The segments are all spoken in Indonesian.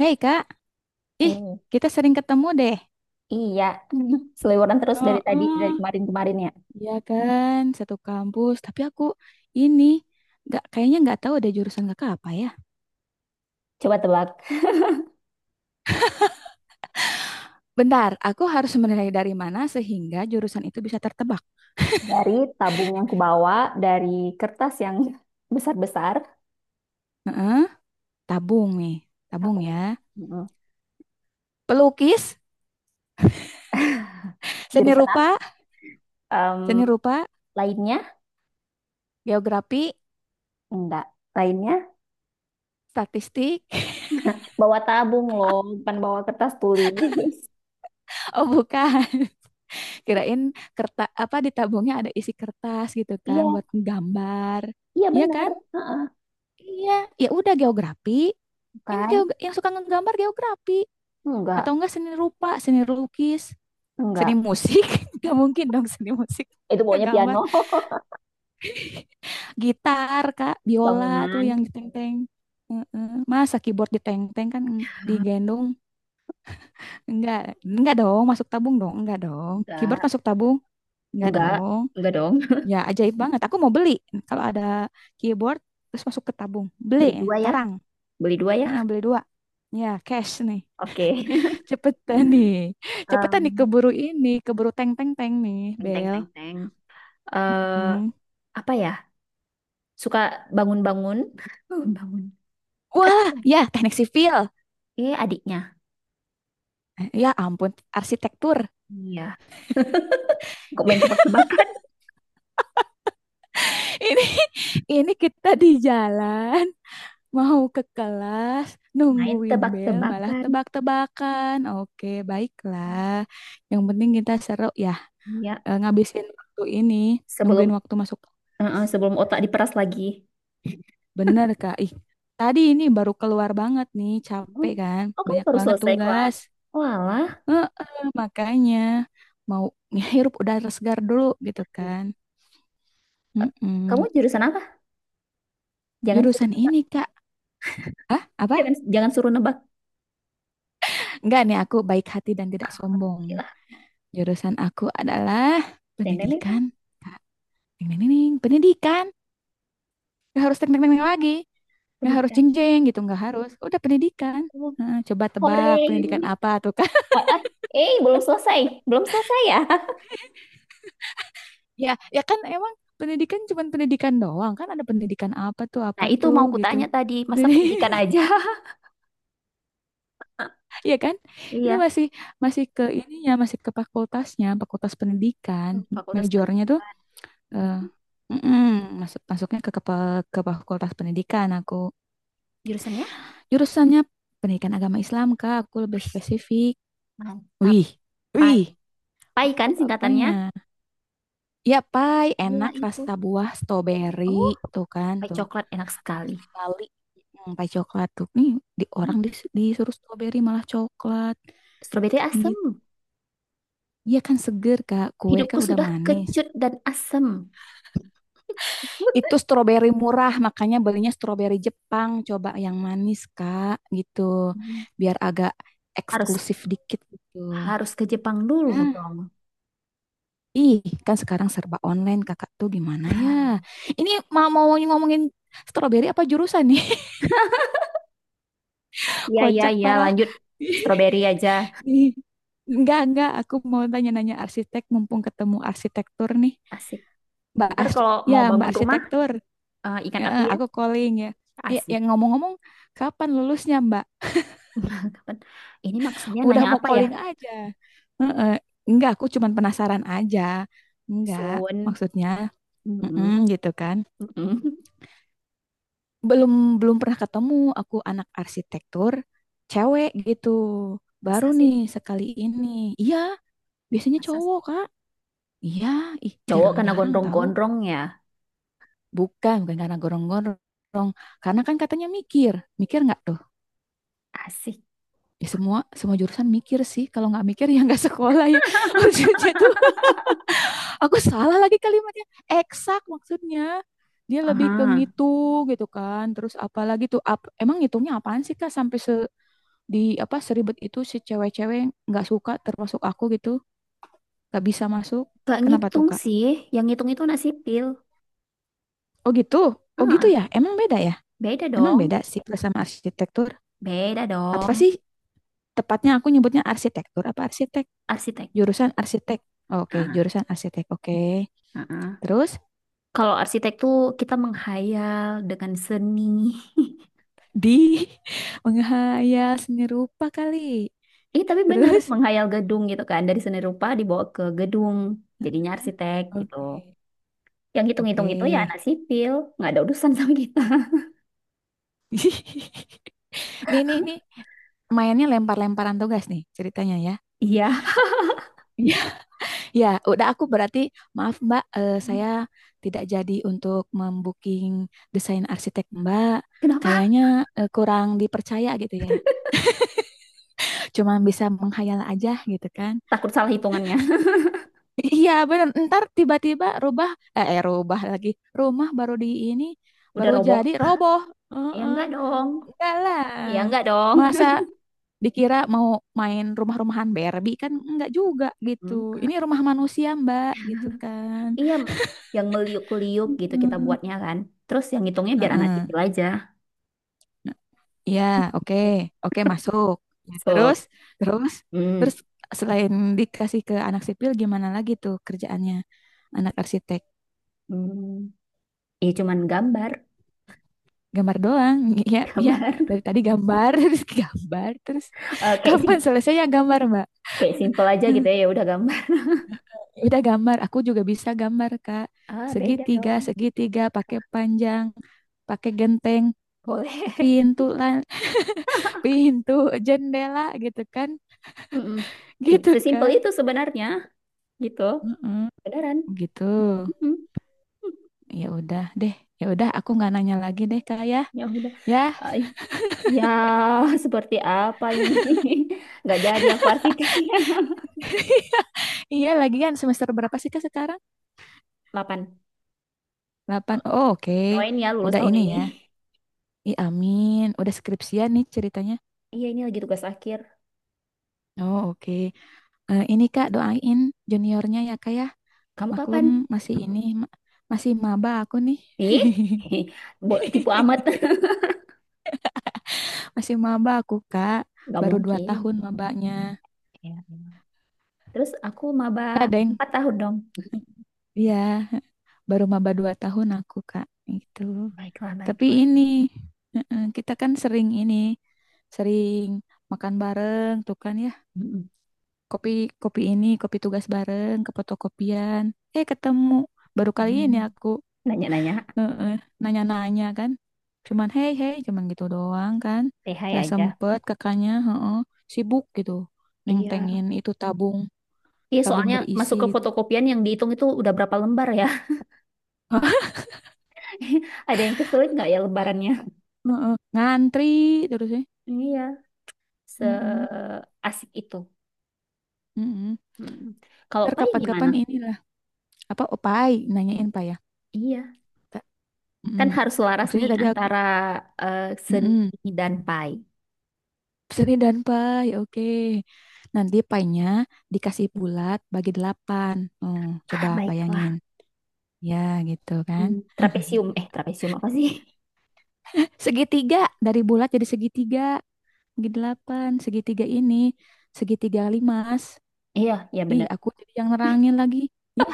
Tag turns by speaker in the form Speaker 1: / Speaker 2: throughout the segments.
Speaker 1: Hei Kak, ih
Speaker 2: Hei,
Speaker 1: kita sering ketemu deh.
Speaker 2: iya. Seliweran terus dari
Speaker 1: Oh,
Speaker 2: tadi, dari
Speaker 1: oh.
Speaker 2: kemarin-kemarin ya.
Speaker 1: Iya kan, satu kampus. Tapi aku ini nggak kayaknya nggak tahu deh jurusan kakak apa ya.
Speaker 2: Coba tebak.
Speaker 1: Bentar, aku harus menilai dari mana sehingga jurusan itu bisa tertebak.
Speaker 2: Dari tabung yang kubawa, dari kertas yang besar-besar.
Speaker 1: Heeh, tabung nih, tabung ya.
Speaker 2: Tabung. Mm-mm.
Speaker 1: Pelukis, seni
Speaker 2: Jurusan
Speaker 1: rupa,
Speaker 2: apa? Em,
Speaker 1: seni rupa,
Speaker 2: lainnya?
Speaker 1: geografi,
Speaker 2: Enggak. Lainnya?
Speaker 1: statistik.
Speaker 2: Bawa tabung loh, bukan bawa kertas tulis.
Speaker 1: Oh bukan, kirain kertas apa di tabungnya ada isi kertas gitu kan
Speaker 2: Iya,
Speaker 1: buat gambar.
Speaker 2: iya
Speaker 1: Iya
Speaker 2: benar.
Speaker 1: kan?
Speaker 2: Heeh.
Speaker 1: Iya, ya udah geografi. yang
Speaker 2: Bukan?
Speaker 1: geog- yang suka ngegambar geografi
Speaker 2: Enggak,
Speaker 1: atau enggak seni rupa seni lukis seni
Speaker 2: enggak.
Speaker 1: musik nggak mungkin dong seni musik
Speaker 2: Itu pokoknya
Speaker 1: ngegambar
Speaker 2: piano.
Speaker 1: gitar kak biola tuh
Speaker 2: Bangunan?
Speaker 1: yang ditenteng. Heeh. Masa keyboard diteng teng kan digendong enggak enggak dong masuk tabung dong enggak dong keyboard
Speaker 2: Enggak,
Speaker 1: masuk tabung enggak
Speaker 2: enggak.
Speaker 1: dong
Speaker 2: Enggak dong.
Speaker 1: ya ajaib banget aku mau beli kalau ada keyboard terus masuk ke tabung beli
Speaker 2: Beli dua ya.
Speaker 1: sekarang.
Speaker 2: Beli dua ya.
Speaker 1: Heeh, beli dua ya cash nih.
Speaker 2: Oke.
Speaker 1: Cepetan nih. Cepetan nih
Speaker 2: Em,
Speaker 1: keburu ini, keburu teng teng teng nih,
Speaker 2: teng teng
Speaker 1: Bel.
Speaker 2: teng teng. Eh,
Speaker 1: Hmm.
Speaker 2: apa ya? Suka bangun-bangun. Bangun-bangun.
Speaker 1: Wah, ya teknik sipil.
Speaker 2: Eh, adiknya.
Speaker 1: Eh, ya ampun, arsitektur.
Speaker 2: Iya. Kok main tebak-tebakan?
Speaker 1: Ini ini kita di jalan mau ke kelas
Speaker 2: Main
Speaker 1: nungguin Bel malah
Speaker 2: tebak-tebakan.
Speaker 1: tebak-tebakan. Oke, baiklah. Yang penting kita seru ya
Speaker 2: Iya.
Speaker 1: ngabisin waktu ini,
Speaker 2: Sebelum
Speaker 1: nungguin waktu masuk
Speaker 2: eh,
Speaker 1: kelas.
Speaker 2: eh, sebelum otak diperas lagi.
Speaker 1: Bener, Kak. Ih, tadi ini baru keluar banget nih,
Speaker 2: Hmm.
Speaker 1: capek kan?
Speaker 2: Oh, kamu
Speaker 1: Banyak
Speaker 2: baru
Speaker 1: banget
Speaker 2: selesai
Speaker 1: tugas.
Speaker 2: kelas. Walah.
Speaker 1: Heeh, makanya mau ngehirup udara segar dulu gitu
Speaker 2: Di-
Speaker 1: kan.
Speaker 2: eh, Kamu
Speaker 1: Mm-mm.
Speaker 2: jurusan apa? Jangan suruh
Speaker 1: Jurusan
Speaker 2: nebak.
Speaker 1: ini Kak, ah apa?
Speaker 2: Jangan jangan suruh nebak.
Speaker 1: Enggak nih aku baik hati dan tidak
Speaker 2: Oke
Speaker 1: sombong.
Speaker 2: lah,
Speaker 1: Jurusan aku adalah
Speaker 2: teng teng teng teng.
Speaker 1: pendidikan. Ding, ding, ding, ding. Pendidikan. Nggak harus teknik-teknik lagi. Nggak harus
Speaker 2: Pendidikan.
Speaker 1: jeng-jeng gitu, nggak harus. Udah pendidikan.
Speaker 2: Oh,
Speaker 1: Heeh, coba tebak pendidikan
Speaker 2: hore.
Speaker 1: apa tuh kan?
Speaker 2: Ah, ah. Eh, belum selesai. Belum selesai ya?
Speaker 1: Ya, ya kan emang pendidikan cuman pendidikan doang kan ada pendidikan apa
Speaker 2: Nah, itu
Speaker 1: tuh
Speaker 2: mau
Speaker 1: gitu.
Speaker 2: kutanya tadi. Masa
Speaker 1: Jadi
Speaker 2: pendidikan aja?
Speaker 1: Iya kan? Itu
Speaker 2: Iya.
Speaker 1: masih masih ke ininya, masih ke fakultasnya, fakultas pendidikan.
Speaker 2: Fakultas
Speaker 1: Majornya tuh
Speaker 2: Pendidikan.
Speaker 1: eh,
Speaker 2: Mhm.
Speaker 1: mm-mm, masuknya ke, ke fakultas pendidikan aku.
Speaker 2: Jurusannya?
Speaker 1: Jurusannya pendidikan agama Islam, Kak. Aku lebih
Speaker 2: Wih,
Speaker 1: spesifik.
Speaker 2: mantap.
Speaker 1: Wih.
Speaker 2: Pai.
Speaker 1: Wih.
Speaker 2: Pai kan
Speaker 1: Mantap
Speaker 2: singkatannya?
Speaker 1: apanya? Ya, pai,
Speaker 2: Iya,
Speaker 1: enak
Speaker 2: itu.
Speaker 1: rasa buah strawberry
Speaker 2: Oh,
Speaker 1: tuh kan,
Speaker 2: pai
Speaker 1: tuh.
Speaker 2: coklat enak sekali.
Speaker 1: Asli Bali. Hmm, pai coklat tuh. Nih, di
Speaker 2: Hmm.
Speaker 1: orang disuruh strawberry malah coklat
Speaker 2: Stroberi
Speaker 1: gitu.
Speaker 2: asem.
Speaker 1: Iya kan seger Kak, kue
Speaker 2: Hidupku
Speaker 1: kan udah
Speaker 2: sudah
Speaker 1: manis.
Speaker 2: kecut dan asem.
Speaker 1: Itu stroberi murah, makanya belinya stroberi Jepang. Coba yang manis, Kak, gitu.
Speaker 2: Hmm.
Speaker 1: Biar agak
Speaker 2: Harus
Speaker 1: eksklusif dikit gitu.
Speaker 2: harus ke Jepang dulu
Speaker 1: Nah,
Speaker 2: dong.
Speaker 1: ih, kan sekarang serba online, Kakak tuh gimana ya? Ini mau mau ngomongin stroberi apa jurusan nih?
Speaker 2: Iya, iya,
Speaker 1: Kocak
Speaker 2: iya.
Speaker 1: parah.
Speaker 2: Lanjut. Stroberi aja.
Speaker 1: Ih, enggak, aku mau tanya-nanya arsitek mumpung ketemu arsitektur nih.
Speaker 2: Asik.
Speaker 1: Mbak
Speaker 2: Ntar
Speaker 1: Ars-
Speaker 2: kalau
Speaker 1: ya,
Speaker 2: mau
Speaker 1: Mbak
Speaker 2: bangun rumah,
Speaker 1: arsitektur.
Speaker 2: eh, ingat
Speaker 1: Ya,
Speaker 2: aku ya.
Speaker 1: aku calling ya. Ya,
Speaker 2: Asik.
Speaker 1: yang ngomong-ngomong, kapan lulusnya, Mbak?
Speaker 2: Kapan? Ini maksudnya
Speaker 1: Udah
Speaker 2: nanya
Speaker 1: mau
Speaker 2: apa ya?
Speaker 1: calling aja. Heeh. Enggak, aku cuman penasaran aja. Enggak,
Speaker 2: Soon.
Speaker 1: maksudnya
Speaker 2: Mm-mm.
Speaker 1: mm-mm, gitu kan.
Speaker 2: Mm-mm.
Speaker 1: Belum belum pernah ketemu aku anak arsitektur cewek gitu.
Speaker 2: Masa
Speaker 1: Baru
Speaker 2: sih?
Speaker 1: nih sekali ini. Iya, biasanya
Speaker 2: Masa sih?
Speaker 1: cowok, Kak. Iya, ih
Speaker 2: Cowok kena
Speaker 1: jarang-jarang tahu.
Speaker 2: gondrong-gondrong ya?
Speaker 1: Bukan, bukan karena gorong-gorong. Karena kan katanya mikir. Mikir nggak tuh?
Speaker 2: Asik.
Speaker 1: Ya semua semua jurusan mikir sih. Kalau nggak mikir ya nggak sekolah ya. Maksudnya tuh aku salah lagi kalimatnya. Eksak maksudnya. Dia lebih ke
Speaker 2: Aha.
Speaker 1: ngitung gitu kan. Terus apalagi tuh emang ngitungnya apaan sih Kak sampai se di apa seribet itu si cewek-cewek nggak suka termasuk aku gitu, nggak bisa masuk.
Speaker 2: Gak
Speaker 1: Kenapa tuh
Speaker 2: ngitung
Speaker 1: Kak?
Speaker 2: sih. Yang ngitung itu anak sipil.
Speaker 1: Oh gitu. Oh gitu
Speaker 2: Ah,
Speaker 1: ya. Emang beda ya?
Speaker 2: beda
Speaker 1: Emang
Speaker 2: dong.
Speaker 1: beda sih sama arsitektur.
Speaker 2: Beda
Speaker 1: Apa
Speaker 2: dong.
Speaker 1: sih tepatnya aku nyebutnya arsitektur apa arsitek?
Speaker 2: Arsitek.
Speaker 1: Jurusan arsitek. Oke,
Speaker 2: Ah,
Speaker 1: jurusan arsitek. Oke.
Speaker 2: ah, ah.
Speaker 1: Terus
Speaker 2: Kalau arsitek tuh kita menghayal dengan seni.
Speaker 1: di menghayal seni rupa kali.
Speaker 2: Ih, tapi bener
Speaker 1: Terus,
Speaker 2: menghayal gedung gitu kan. Dari seni rupa dibawa ke gedung. Jadinya arsitek gitu.
Speaker 1: oke,
Speaker 2: Yang hitung-hitung
Speaker 1: oke.
Speaker 2: itu ya anak sipil. Nggak ada urusan sama kita.
Speaker 1: Nih, nih, nih, mainnya lempar-lemparan tugas nih ceritanya ya.
Speaker 2: Iya.
Speaker 1: Iya. Ya, udah aku berarti maaf Mbak, saya tidak jadi untuk membooking desain arsitek Mbak.
Speaker 2: Kenapa?
Speaker 1: Kayaknya kurang dipercaya gitu ya. Cuma bisa menghayal aja gitu kan.
Speaker 2: Takut salah hitungannya.
Speaker 1: Iya bener, ntar tiba-tiba rubah, rubah lagi. Rumah baru di ini,
Speaker 2: Udah
Speaker 1: baru
Speaker 2: roboh.
Speaker 1: jadi roboh.
Speaker 2: Ya
Speaker 1: Heeh.
Speaker 2: enggak dong.
Speaker 1: Enggak lah.
Speaker 2: Ya enggak dong.
Speaker 1: Masa dikira mau main rumah-rumahan Barbie kan enggak juga gitu. Ini
Speaker 2: Enggak.
Speaker 1: rumah manusia Mbak gitu kan.
Speaker 2: Iya, yang meliuk-liuk gitu kita
Speaker 1: Mm.
Speaker 2: buatnya kan. Terus yang hitungnya biar anak
Speaker 1: Heeh.
Speaker 2: sipil aja.
Speaker 1: Nah, iya, oke. Oke, masuk. Ya,
Speaker 2: So,
Speaker 1: terus,
Speaker 2: hmm,
Speaker 1: terus selain dikasih ke anak sipil gimana lagi tuh kerjaannya anak arsitek?
Speaker 2: hmm. ya cuman gambar,
Speaker 1: Gambar doang ya ya
Speaker 2: gambar.
Speaker 1: dari tadi gambar terus gambar terus
Speaker 2: Eh,
Speaker 1: kapan selesai ya gambar mbak.
Speaker 2: kayak simple aja gitu ya. Ya udah gambar.
Speaker 1: Udah gambar aku juga bisa gambar kak
Speaker 2: Ah, beda
Speaker 1: segitiga
Speaker 2: dong.
Speaker 1: segitiga pakai panjang pakai genteng
Speaker 2: Boleh.
Speaker 1: pintu lan pintu jendela gitu kan.
Speaker 2: Mm-mm. Sim-
Speaker 1: Gitu
Speaker 2: Sesimpel
Speaker 1: kan.
Speaker 2: itu sebenarnya gitu.
Speaker 1: Mm-mm.
Speaker 2: Beneran.
Speaker 1: Gitu
Speaker 2: Mm-mm.
Speaker 1: ya udah deh ya udah aku nggak nanya lagi deh kak ya
Speaker 2: Ya udah.
Speaker 1: ya.
Speaker 2: Ay, ya, seperti apa ini? Nggak jadi aku arsiteknya.
Speaker 1: Iya lagian semester berapa sih kak sekarang
Speaker 2: 8.
Speaker 1: 8 oh, oke
Speaker 2: Doain ya lulus
Speaker 1: udah
Speaker 2: tahun
Speaker 1: ini
Speaker 2: ini.
Speaker 1: ya. Ih, amin. Udah skripsian nih ceritanya.
Speaker 2: Iya ini lagi tugas akhir.
Speaker 1: Oh, oke. Eh, ini Kak, doain juniornya ya Kak ya.
Speaker 2: Kamu kapan?
Speaker 1: Maklum masih ini masih maba aku nih.
Speaker 2: Ih, tipu amat.
Speaker 1: Masih maba aku, Kak.
Speaker 2: Gak
Speaker 1: Baru dua
Speaker 2: mungkin.
Speaker 1: tahun mabanya.
Speaker 2: Ya. Terus aku maba
Speaker 1: Enggak, Deng.
Speaker 2: 4 tahun dong.
Speaker 1: Iya, baru maba 2 tahun aku, Kak. Itu.
Speaker 2: Baiklah,
Speaker 1: Tapi
Speaker 2: baiklah.
Speaker 1: ini kita kan sering ini, sering makan bareng tuh kan ya.
Speaker 2: Mm-mm.
Speaker 1: Kopi kopi ini kopi tugas bareng ke fotokopian ketemu baru kali ini
Speaker 2: Mm.
Speaker 1: aku
Speaker 2: Nanya-nanya,
Speaker 1: eh, eh, nanya-nanya kan cuman hey hey cuman gitu doang kan
Speaker 2: TH
Speaker 1: nggak
Speaker 2: aja.
Speaker 1: sempet kakaknya heeh, sibuk gitu
Speaker 2: Iya.
Speaker 1: nentengin itu tabung
Speaker 2: Iya
Speaker 1: tabung
Speaker 2: soalnya
Speaker 1: berisi
Speaker 2: masuk ke
Speaker 1: gitu.
Speaker 2: fotokopian yang dihitung itu udah berapa lembar ya. Ada yang kesulit nggak ya lembarannya?
Speaker 1: Heeh, ngantri terus ya.
Speaker 2: Iya,
Speaker 1: Mm-mm,
Speaker 2: seasik itu.
Speaker 1: mm-mm.
Speaker 2: Mm. Kalau
Speaker 1: Ntar
Speaker 2: Pai gimana?
Speaker 1: kapan-kapan inilah apa opai nanyain pak ya.
Speaker 2: Iya,
Speaker 1: Ta-
Speaker 2: kan
Speaker 1: mm-mm.
Speaker 2: harus selaras
Speaker 1: Maksudnya
Speaker 2: nih
Speaker 1: tadi aku
Speaker 2: antara eh,
Speaker 1: mm-mm.
Speaker 2: seni dan Pai.
Speaker 1: Seri dan pie, oke. Nanti pie-nya dikasih bulat bagi delapan. Hmm, coba bayangin.
Speaker 2: Baiklah.
Speaker 1: Ya, gitu kan.
Speaker 2: Hmm, trapesium. Eh, trapesium apa sih?
Speaker 1: Segitiga, dari bulat jadi segitiga. Bagi delapan, segitiga ini. Segitiga limas.
Speaker 2: Iya, iya
Speaker 1: Ih,
Speaker 2: benar.
Speaker 1: aku jadi yang nerangin lagi. Ya,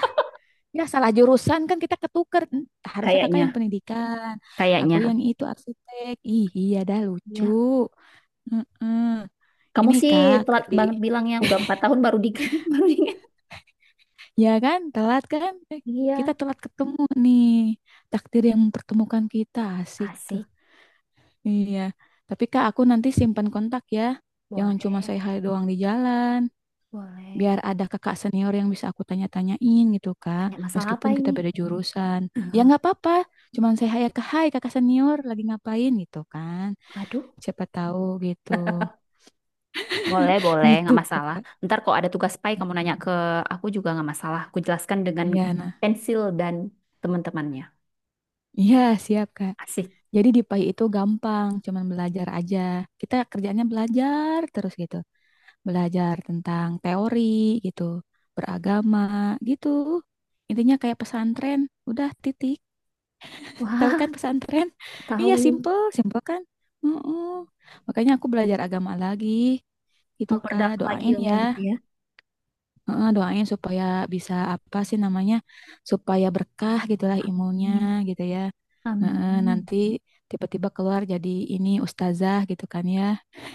Speaker 1: ya salah jurusan kan kita ketuker. Hmm, harusnya kakak yang
Speaker 2: Kayaknya.
Speaker 1: pendidikan. Aku
Speaker 2: Kayaknya.
Speaker 1: yang itu arsitek. Ih, iya dah lucu.
Speaker 2: Iya.
Speaker 1: Heeh.
Speaker 2: Kamu
Speaker 1: Ini
Speaker 2: sih
Speaker 1: kak,
Speaker 2: telat
Speaker 1: di
Speaker 2: banget bilangnya. Udah 4 tahun baru di baru diingat.
Speaker 1: ya kan, telat kan? Eh, kita
Speaker 2: Iya.
Speaker 1: telat ketemu nih. Takdir yang mempertemukan kita, asik tuh.
Speaker 2: Asik.
Speaker 1: Iya. Tapi Kak, aku nanti simpan kontak ya. Jangan cuma
Speaker 2: Boleh.
Speaker 1: saya hai doang di jalan.
Speaker 2: Boleh.
Speaker 1: Biar ada kakak senior yang bisa aku tanya-tanyain gitu, Kak.
Speaker 2: Tanya masalah apa
Speaker 1: Meskipun
Speaker 2: ini?
Speaker 1: kita beda jurusan. Ya nggak apa-apa. Cuman saya hai ke hai kakak senior lagi ngapain gitu kan.
Speaker 2: Aduh.
Speaker 1: Siapa tahu gitu.
Speaker 2: Boleh, boleh. Nggak
Speaker 1: Gitu,
Speaker 2: masalah.
Speaker 1: Kak.
Speaker 2: Ntar kalau ada tugas pai kamu nanya ke aku juga nggak masalah. Aku jelaskan dengan
Speaker 1: Iya, nah.
Speaker 2: pensil dan teman-temannya.
Speaker 1: Iya, siap, Kak.
Speaker 2: Asik.
Speaker 1: Jadi di PAI itu gampang, cuman belajar aja. Kita kerjanya belajar terus gitu. Belajar tentang teori gitu, beragama gitu. Intinya kayak pesantren, udah titik. Tahu
Speaker 2: Wah,
Speaker 1: kan pesantren? Iya,
Speaker 2: tahu.
Speaker 1: simple, simple kan? Mm-mm. Makanya aku belajar agama lagi gitu, Kak.
Speaker 2: Memperdalam lagi
Speaker 1: Doain
Speaker 2: ilmu gitu
Speaker 1: ya.
Speaker 2: ya.
Speaker 1: Heeh, doain supaya bisa apa sih namanya supaya berkah gitulah ilmunya
Speaker 2: Amin.
Speaker 1: gitu ya. Heeh,
Speaker 2: Amin.
Speaker 1: nanti tiba-tiba keluar jadi ini ustazah gitu kan ya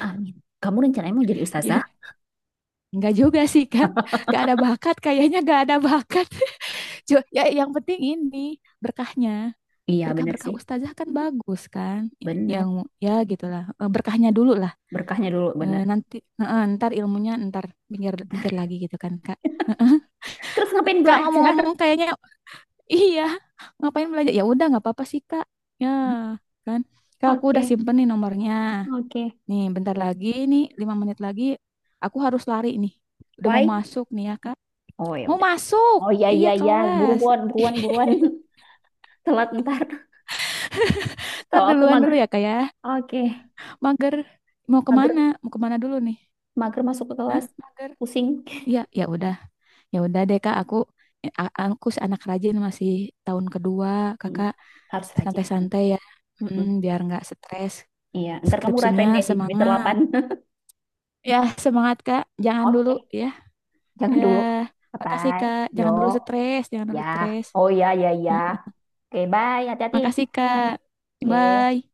Speaker 2: Amin. Kamu rencananya mau jadi ustazah?
Speaker 1: ya nggak juga sih kak nggak ada bakat kayaknya nggak ada bakat. Ya yang penting ini berkahnya
Speaker 2: Iya, bener
Speaker 1: berkah-berkah
Speaker 2: sih.
Speaker 1: ustazah kan bagus kan
Speaker 2: Bener.
Speaker 1: yang ya gitulah. Eh, berkahnya dulu lah.
Speaker 2: Berkahnya dulu,
Speaker 1: Eh,
Speaker 2: bener.
Speaker 1: nanti heeh, ntar ilmunya ntar pinggir pinggir
Speaker 2: Bentar.
Speaker 1: lagi gitu kan kak.
Speaker 2: Terus ngapain
Speaker 1: Kak
Speaker 2: belajar?
Speaker 1: ngomong-ngomong kayaknya iya, ngapain belanja? Ya udah nggak apa-apa sih Kak. Ya kan, Kak aku
Speaker 2: Oke,
Speaker 1: udah simpen nih nomornya.
Speaker 2: oke.
Speaker 1: Nih bentar lagi nih 5 menit lagi aku harus lari nih. Udah mau
Speaker 2: Why?
Speaker 1: masuk nih ya Kak.
Speaker 2: Oh ya
Speaker 1: Mau
Speaker 2: udah.
Speaker 1: masuk?
Speaker 2: Oh iya
Speaker 1: Iya
Speaker 2: iya iya,
Speaker 1: kelas.
Speaker 2: buruan buruan buruan. Telat ntar.
Speaker 1: Ntar
Speaker 2: Kalau aku
Speaker 1: duluan
Speaker 2: mager.
Speaker 1: dulu ya Kak ya.
Speaker 2: Oke,
Speaker 1: Mager mau kemana?
Speaker 2: mager,
Speaker 1: Mau kemana dulu nih?
Speaker 2: mager masuk ke
Speaker 1: Hah?
Speaker 2: kelas.
Speaker 1: Mager?
Speaker 2: Pusing.
Speaker 1: Iya, ya udah deh Kak. Aku si anak rajin masih tahun kedua
Speaker 2: Mm.
Speaker 1: Kakak
Speaker 2: Harus rajin kamu.
Speaker 1: santai-santai ya. Hmm,
Speaker 2: Mm-mm.
Speaker 1: biar nggak stres.
Speaker 2: Iya, ntar kamu
Speaker 1: Skripsinya
Speaker 2: rasain deh di semester
Speaker 1: semangat.
Speaker 2: 8.
Speaker 1: Ya, semangat Kak. Jangan dulu
Speaker 2: Oke,
Speaker 1: ya.
Speaker 2: jangan
Speaker 1: Ya,
Speaker 2: dulu.
Speaker 1: makasih
Speaker 2: Bye.
Speaker 1: Kak.
Speaker 2: Yo,
Speaker 1: Jangan dulu stres, jangan
Speaker 2: ya.
Speaker 1: dulu stres.
Speaker 2: Oh ya ya ya.
Speaker 1: Nah,
Speaker 2: Oke, bye. Hati-hati.
Speaker 1: makasih Kak.
Speaker 2: Oke.
Speaker 1: Bye.